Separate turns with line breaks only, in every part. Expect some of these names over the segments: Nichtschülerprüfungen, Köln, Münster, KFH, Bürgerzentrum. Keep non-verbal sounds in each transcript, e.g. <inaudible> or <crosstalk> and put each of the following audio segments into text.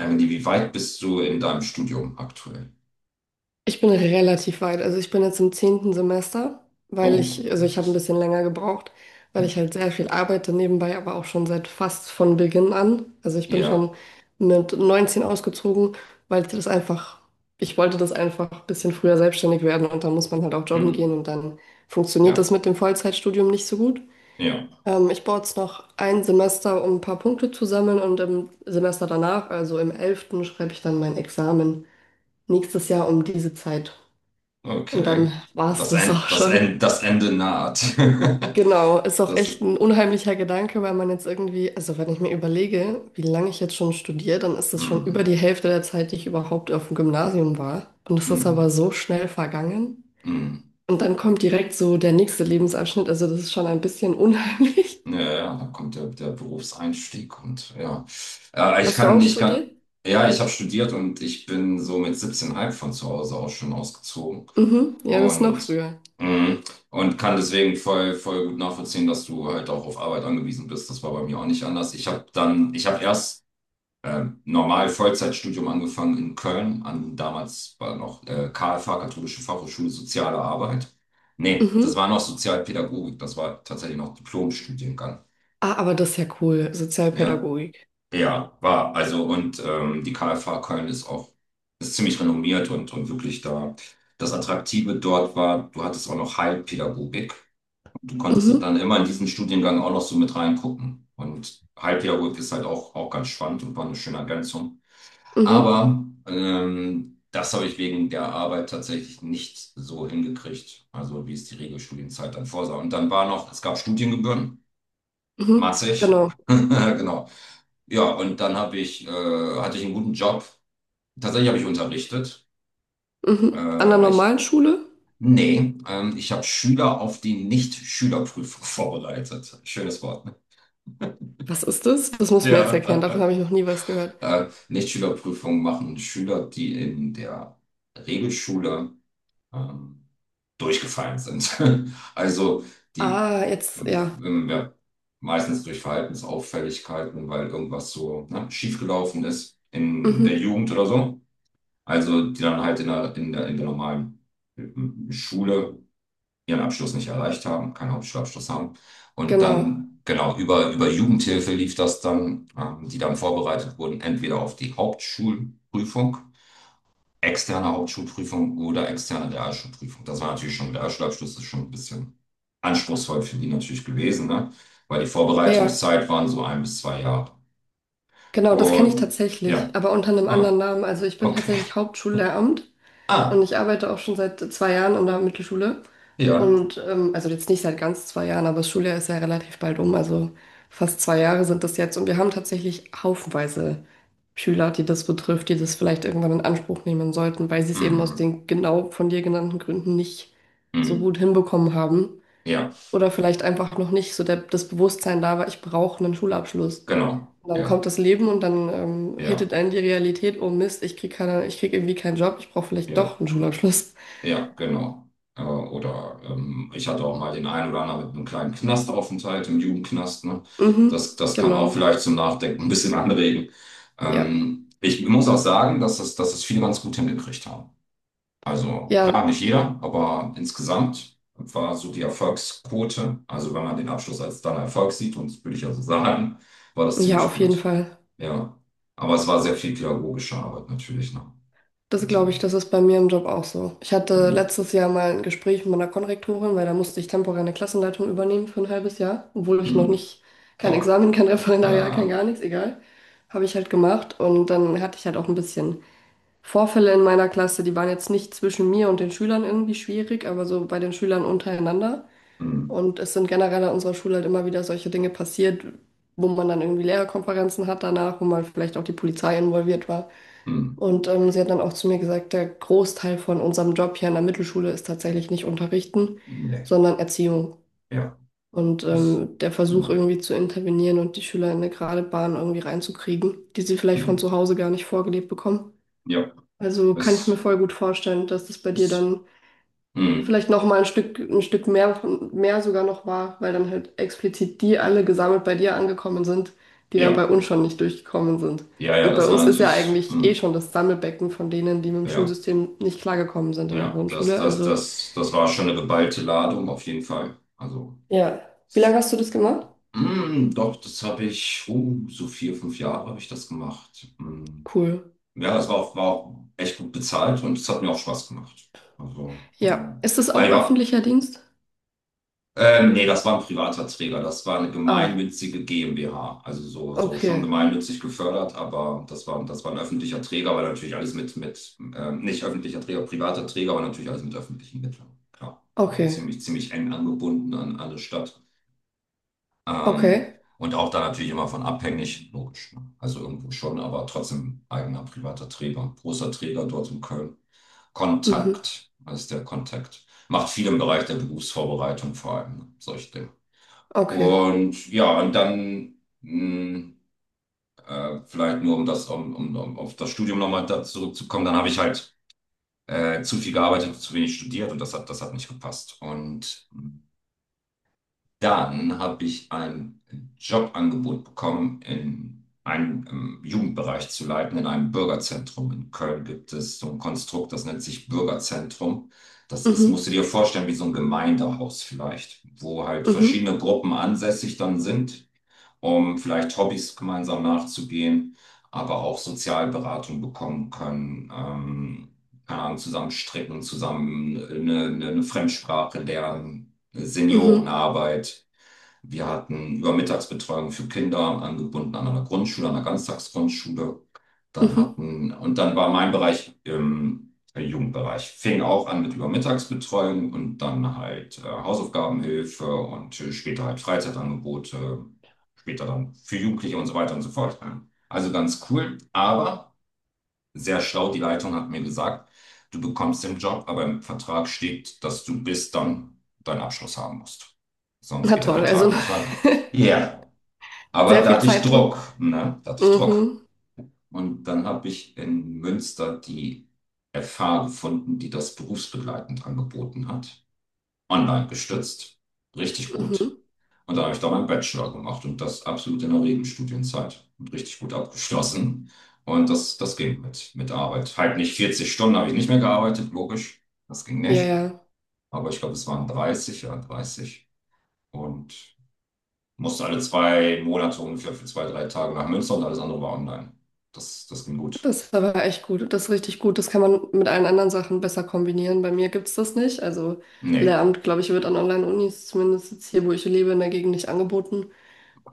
Emily, wie weit bist du in deinem Studium aktuell?
Ich bin relativ weit. Also ich bin jetzt im zehnten Semester, weil
Oh,
ich, also
ja.
ich habe ein bisschen länger gebraucht, weil ich halt sehr viel arbeite nebenbei, aber auch schon seit fast von Beginn an. Also ich bin
Ja,
schon mit 19 ausgezogen, weil ich das einfach, ich wollte das einfach ein bisschen früher selbstständig werden und dann muss man halt auch jobben
hm,
gehen und dann funktioniert das
ja,
mit dem Vollzeitstudium nicht so gut.
ja,
Ich brauche jetzt noch ein Semester, um ein paar Punkte zu sammeln und im Semester danach, also im elften, schreibe ich dann mein Examen nächstes Jahr um diese Zeit. Und dann
okay.
war es
Das
das
End,
auch
das
schon.
End, das Ende naht. <laughs>
Genau, ist auch
Das,
echt ein unheimlicher Gedanke, weil man jetzt irgendwie, also wenn ich mir überlege, wie lange ich jetzt schon studiere, dann ist das schon über
hm,
die Hälfte der Zeit, die ich überhaupt auf dem Gymnasium war. Und es ist aber
hm,
so schnell vergangen.
hm.
Und dann kommt direkt so der nächste Lebensabschnitt, also das ist schon ein bisschen unheimlich.
Ja, ja, da kommt der Berufseinstieg und ja.
<laughs>
Äh, ich
Hast du
kann,
auch
ich kann,
studiert?
ja, ich habe studiert und ich bin so mit 17,5 von zu Hause auch schon ausgezogen.
Mhm, ja, das ist noch
Und,
früher.
mhm. Und kann deswegen voll gut nachvollziehen, dass du halt auch auf Arbeit angewiesen bist. Das war bei mir auch nicht anders. Ich habe erst normal Vollzeitstudium angefangen in Köln, an damals war noch KFH, Katholische Fachhochschule Soziale Arbeit. Nee, das
Mhm.
war noch Sozialpädagogik, das war tatsächlich noch Diplomstudiengang.
Ah, aber das ist ja cool,
Ja,
Sozialpädagogik.
ja, war. Also, und die KFH Köln ist ziemlich renommiert und wirklich da. Das Attraktive dort war, du hattest auch noch Heilpädagogik. Du konntest
Mhm,
dann immer in diesen Studiengang auch noch so mit reingucken. Und Halbjahr ist halt auch ganz spannend und war eine schöne Ergänzung.
mhm,
Aber das habe ich wegen der Arbeit tatsächlich nicht so hingekriegt, also wie es die Regelstudienzeit dann vorsah. Und dann war noch, es gab Studiengebühren,
mhm,
massig,
genau.
<laughs> genau. Ja, und dann hatte ich einen guten Job. Tatsächlich habe ich unterrichtet.
Mhm. An der
Äh, ich,
normalen Schule?
Nee, ich habe Schüler auf die Nicht-Schülerprüfung <laughs> vorbereitet. Schönes Wort.
Was ist das? Das muss mir jetzt erklären, davon
Ja. <laughs>
habe ich noch nie was gehört.
Nichtschülerprüfungen machen Schüler, die in der Regelschule ähm, durchgefallen sind. <laughs> Also die
Ah, jetzt, ja.
ja, meistens durch Verhaltensauffälligkeiten, weil irgendwas so, ne, schiefgelaufen ist in der
Mhm,
Jugend oder so. Also die dann halt in der normalen Schule ihren Abschluss nicht erreicht haben, keinen Hauptschulabschluss haben. Und
genau.
dann, genau, über Jugendhilfe lief das dann, die dann vorbereitet wurden, entweder auf die Hauptschulprüfung, externe Hauptschulprüfung oder externe Realschulprüfung. Das war natürlich schon, der Realschulabschluss ist schon ein bisschen anspruchsvoll für die natürlich gewesen, ne? Weil die
Ja, ja.
Vorbereitungszeit waren so 1 bis 2 Jahre.
Genau, das kenne ich
Und ja,
tatsächlich, aber unter einem
ah,
anderen Namen. Also ich bin
okay.
tatsächlich Hauptschullehramt. Und
Ah,
ich arbeite auch schon seit zwei Jahren in der Mittelschule.
ja.
Und also jetzt nicht seit ganz zwei Jahren, aber das Schuljahr ist ja relativ bald um. Also fast zwei Jahre sind das jetzt. Und wir haben tatsächlich haufenweise Schüler, die das betrifft, die das vielleicht irgendwann in Anspruch nehmen sollten, weil sie es eben aus
Mhm.
den genau von dir genannten Gründen nicht so gut
Mhm.
hinbekommen haben.
Ja,
Oder vielleicht einfach noch nicht so der, das Bewusstsein da war, ich brauche einen Schulabschluss.
genau.
Und dann
Ja,
kommt das Leben und dann
ja,
hittet einen die Realität, oh Mist, ich krieg keine, ich krieg irgendwie keinen Job, ich brauche vielleicht doch
ja.
einen Schulabschluss.
Ja, genau. Oder ich hatte auch mal den einen oder anderen mit einem kleinen Knastaufenthalt im Jugendknast. Ne?
Mhm,
Das kann
genau.
auch vielleicht zum Nachdenken ein bisschen <laughs> anregen.
Ja,
Ich muss auch sagen, dass das viele ganz gut hingekriegt haben. Also klar,
ja,
nicht jeder, aber insgesamt war so die Erfolgsquote, also wenn man den Abschluss als dann Erfolg sieht, und das würde ich also sagen, war das
ja,
ziemlich
auf jeden
gut.
Fall.
Ja, aber es war sehr viel pädagogische Arbeit natürlich. Ne?
Das glaube
So.
ich, das ist bei mir im Job auch so. Ich hatte
Mm,
letztes Jahr mal ein Gespräch mit meiner Konrektorin, weil da musste ich temporär eine Klassenleitung übernehmen für ein halbes Jahr, obwohl ich noch
mm,
nicht, kein
boah,
Examen, kein Referendariat, kein gar
ja.
nichts, egal. Habe ich halt gemacht und dann hatte ich halt auch ein bisschen Vorfälle in meiner Klasse, die waren jetzt nicht zwischen mir und den Schülern irgendwie schwierig, aber so bei den Schülern untereinander.
Hm,
Und es sind generell an unserer Schule halt immer wieder solche Dinge passiert, wo man dann irgendwie Lehrerkonferenzen hat danach, wo man vielleicht auch die Polizei involviert war.
hm,
Und sie hat dann auch zu mir gesagt, der Großteil von unserem Job hier an der Mittelschule ist tatsächlich nicht unterrichten,
nee,
sondern Erziehung.
ja,
Und
ist,
ähm, der Versuch
hm,
irgendwie zu intervenieren und die Schüler in eine gerade Bahn irgendwie reinzukriegen, die sie vielleicht von
hm,
zu Hause gar nicht vorgelebt bekommen.
ja,
Also kann ich mir
ist,
voll gut vorstellen, dass das bei dir
ist,
dann
hm,
vielleicht noch mal ein Stück mehr, von- mehr sogar noch war, weil dann halt explizit die alle gesammelt bei dir angekommen sind, die dann
ja,
bei uns schon nicht durchgekommen sind.
ja, ja,
Und bei
das war
uns ist ja
natürlich,
eigentlich eh
hm,
schon das Sammelbecken von denen, die mit dem
ja,
Schulsystem nicht klargekommen sind in der
ja, das,
Grundschule.
das,
Also
das, das war schon eine geballte Ladung, auf jeden Fall. Also,
ja. Wie lange hast du das gemacht?
hm, doch, so 4, 5 Jahre habe ich das gemacht. Hm.
Cool.
Ja, das war auch echt gut bezahlt und es hat mir auch Spaß gemacht. Also,
Ja, ist das
aber
auch
ich war.
öffentlicher Dienst?
Nee, das war ein privater Träger. Das war eine
Ah,
gemeinnützige GmbH. Also so schon
okay,
gemeinnützig gefördert, aber das war ein öffentlicher Träger, weil natürlich alles mit nicht öffentlicher Träger, privater Träger, aber natürlich alles mit öffentlichen Mitteln. Klar. Also
okay,
ziemlich, ziemlich eng angebunden an alle Stadt.
okay,
Und auch da natürlich immer von abhängig, logisch, ne? Also irgendwo schon, aber trotzdem eigener privater Träger, großer Träger dort in Köln.
mhm,
Kontakt, das ist der Kontakt. Macht viel im Bereich der Berufsvorbereitung vor allem, ne, solche Dinge.
okay,
Und ja, und dann mh, vielleicht nur, um das, um, um, um auf das Studium nochmal da zurückzukommen, dann habe ich halt zu viel gearbeitet, hab zu wenig studiert und das hat nicht gepasst. Und dann habe ich ein Jobangebot bekommen, in einem Jugendbereich zu leiten, in einem Bürgerzentrum. In Köln gibt es so ein Konstrukt, das nennt sich Bürgerzentrum. Das ist, musst
mhm,
du dir vorstellen, wie so ein Gemeindehaus vielleicht, wo halt
mhm,
verschiedene Gruppen ansässig dann sind, um vielleicht Hobbys gemeinsam nachzugehen, aber auch Sozialberatung bekommen können, keine Ahnung, zusammen stricken, zusammen eine Fremdsprache lernen,
mhm,
Seniorenarbeit. Wir hatten Übermittagsbetreuung für Kinder, angebunden an einer Grundschule, an einer Ganztagsgrundschule. Dann
mhm.
hatten, und dann war mein Bereich im Jugendbereich. Fing auch an mit Übermittagsbetreuung und dann halt Hausaufgabenhilfe und später halt Freizeitangebote, später dann für Jugendliche und so weiter und so fort. Also ganz cool, aber sehr schlau, die Leitung hat mir gesagt, du bekommst den Job, aber im Vertrag steht, dass du bis dann deinen Abschluss haben musst. Sonst
Na
geht der
toll, also
Vertrag nicht weiter.
<laughs>
Ja, aber
sehr
da
viel
hatte ich
Zeitdruck.
Druck, ne? Da hatte ich Druck.
Mhm.
Und dann habe ich in Münster die FH gefunden, die das berufsbegleitend angeboten hat. Online gestützt. Richtig gut.
Mhm.
Und da habe ich da meinen Bachelor gemacht und das absolut in der Regenstudienzeit und richtig gut abgeschlossen. Und das ging mit Arbeit. Halt nicht 40 Stunden habe ich nicht mehr gearbeitet, logisch. Das ging
Ja,
nicht.
ja.
Aber ich glaube, es waren 30, ja, 30. Und musste alle 2 Monate ungefähr für 2, 3 Tage nach Münster und alles andere war online. Das, das ging gut.
Das war aber echt gut. Das ist richtig gut. Das kann man mit allen anderen Sachen besser kombinieren. Bei mir gibt's das nicht. Also
Nee,
Lehramt, glaube ich, wird an Online-Unis, zumindest jetzt hier, wo ich lebe, in der Gegend nicht angeboten.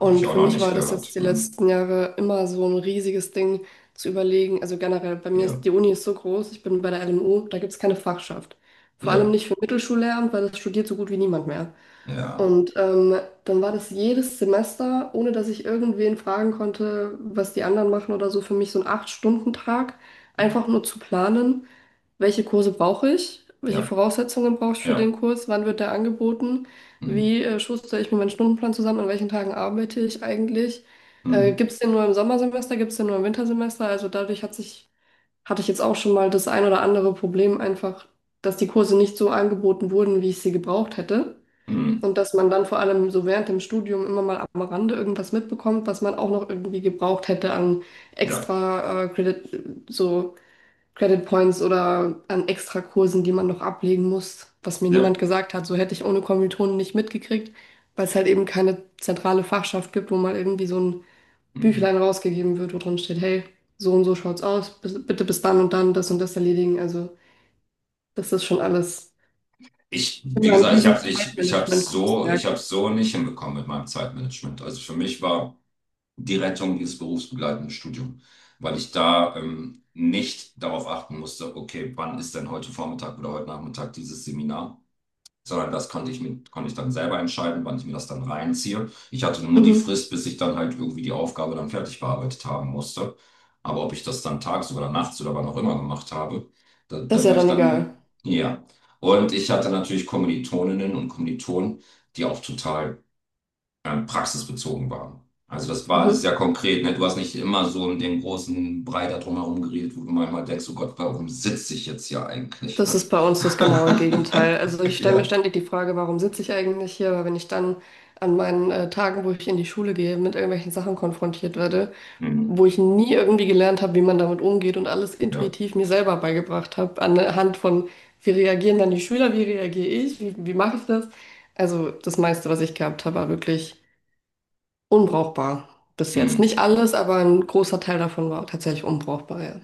habe ich auch
für
noch
mich
nicht
war das
gehört.
jetzt die
Hm.
letzten Jahre immer so ein riesiges Ding zu überlegen. Also generell, bei mir ist
Ja,
die Uni ist so groß, ich bin bei der LMU, da gibt's keine Fachschaft. Vor allem
ja,
nicht für Mittelschullehramt, weil das studiert so gut wie niemand mehr.
ja.
Und dann war das jedes Semester, ohne dass ich irgendwen fragen konnte, was die anderen machen oder so, für mich so ein Acht-Stunden-Tag,
Hm.
einfach nur zu planen, welche Kurse brauche ich, welche
Ja,
Voraussetzungen brauche ich für den
ja.
Kurs, wann wird der angeboten,
Hm.
wie schustere ich mir meinen Stundenplan zusammen, an welchen Tagen arbeite ich eigentlich,
Hm.
gibt es den nur im Sommersemester, gibt es den nur im Wintersemester, also dadurch hat sich, hatte ich jetzt auch schon mal das ein oder andere Problem einfach, dass die Kurse nicht so angeboten wurden, wie ich sie gebraucht hätte.
Hm.
Und dass man dann vor allem so während dem Studium immer mal am Rande irgendwas mitbekommt, was man auch noch irgendwie gebraucht hätte an
Ja,
extra Credit, so Credit Points oder an extra Kursen, die man noch ablegen muss, was mir niemand
ja.
gesagt hat. So hätte ich ohne Kommilitonen nicht mitgekriegt, weil es halt eben keine zentrale Fachschaft gibt, wo mal irgendwie so ein Büchlein
Hm.
rausgegeben wird, wo drin steht, hey, so und so schaut's aus, bis- bitte bis dann und dann das und das erledigen. Also das ist schon alles
Wie
immer ein
gesagt,
riesen
ich
Zeitmanagement-Kunstwerk.
hab's so nicht hinbekommen mit meinem Zeitmanagement. Also für mich war die Rettung dieses berufsbegleitende Studium, weil ich da nicht darauf achten musste, okay, wann ist denn heute Vormittag oder heute Nachmittag dieses Seminar? Sondern das konnte ich dann selber entscheiden, wann ich mir das dann reinziehe. Ich hatte nur die
Mhm.
Frist, bis ich dann halt irgendwie die Aufgabe dann fertig bearbeitet haben musste. Aber ob ich das dann tags oder nachts oder wann auch immer gemacht habe, da,
Das ist
da
ja
war ich
dann egal.
dann, ja. Und ich hatte natürlich Kommilitoninnen und Kommilitonen, die auch total praxisbezogen waren. Also das war alles
Mhm.
sehr konkret, ne? Du hast nicht immer so in den großen Brei da drumherum geredet, wo du manchmal denkst, oh Gott, warum sitze ich jetzt hier eigentlich,
Das
ne?
ist bei uns das genaue
<laughs>
Gegenteil. Also ich stelle mir
Ja.
ständig die Frage, warum sitze ich eigentlich hier? Weil wenn ich dann an meinen Tagen, wo ich in die Schule gehe, mit irgendwelchen Sachen konfrontiert werde, wo
Mhm.
ich nie irgendwie gelernt habe, wie man damit umgeht und alles
Ja.
intuitiv mir selber beigebracht habe, anhand von, wie reagieren dann die Schüler, wie reagiere ich, wie, wie mache ich das? Also das meiste, was ich gehabt habe, war wirklich unbrauchbar bis jetzt.
Hm.
Nicht alles, aber ein großer Teil davon war tatsächlich unbrauchbar, ja.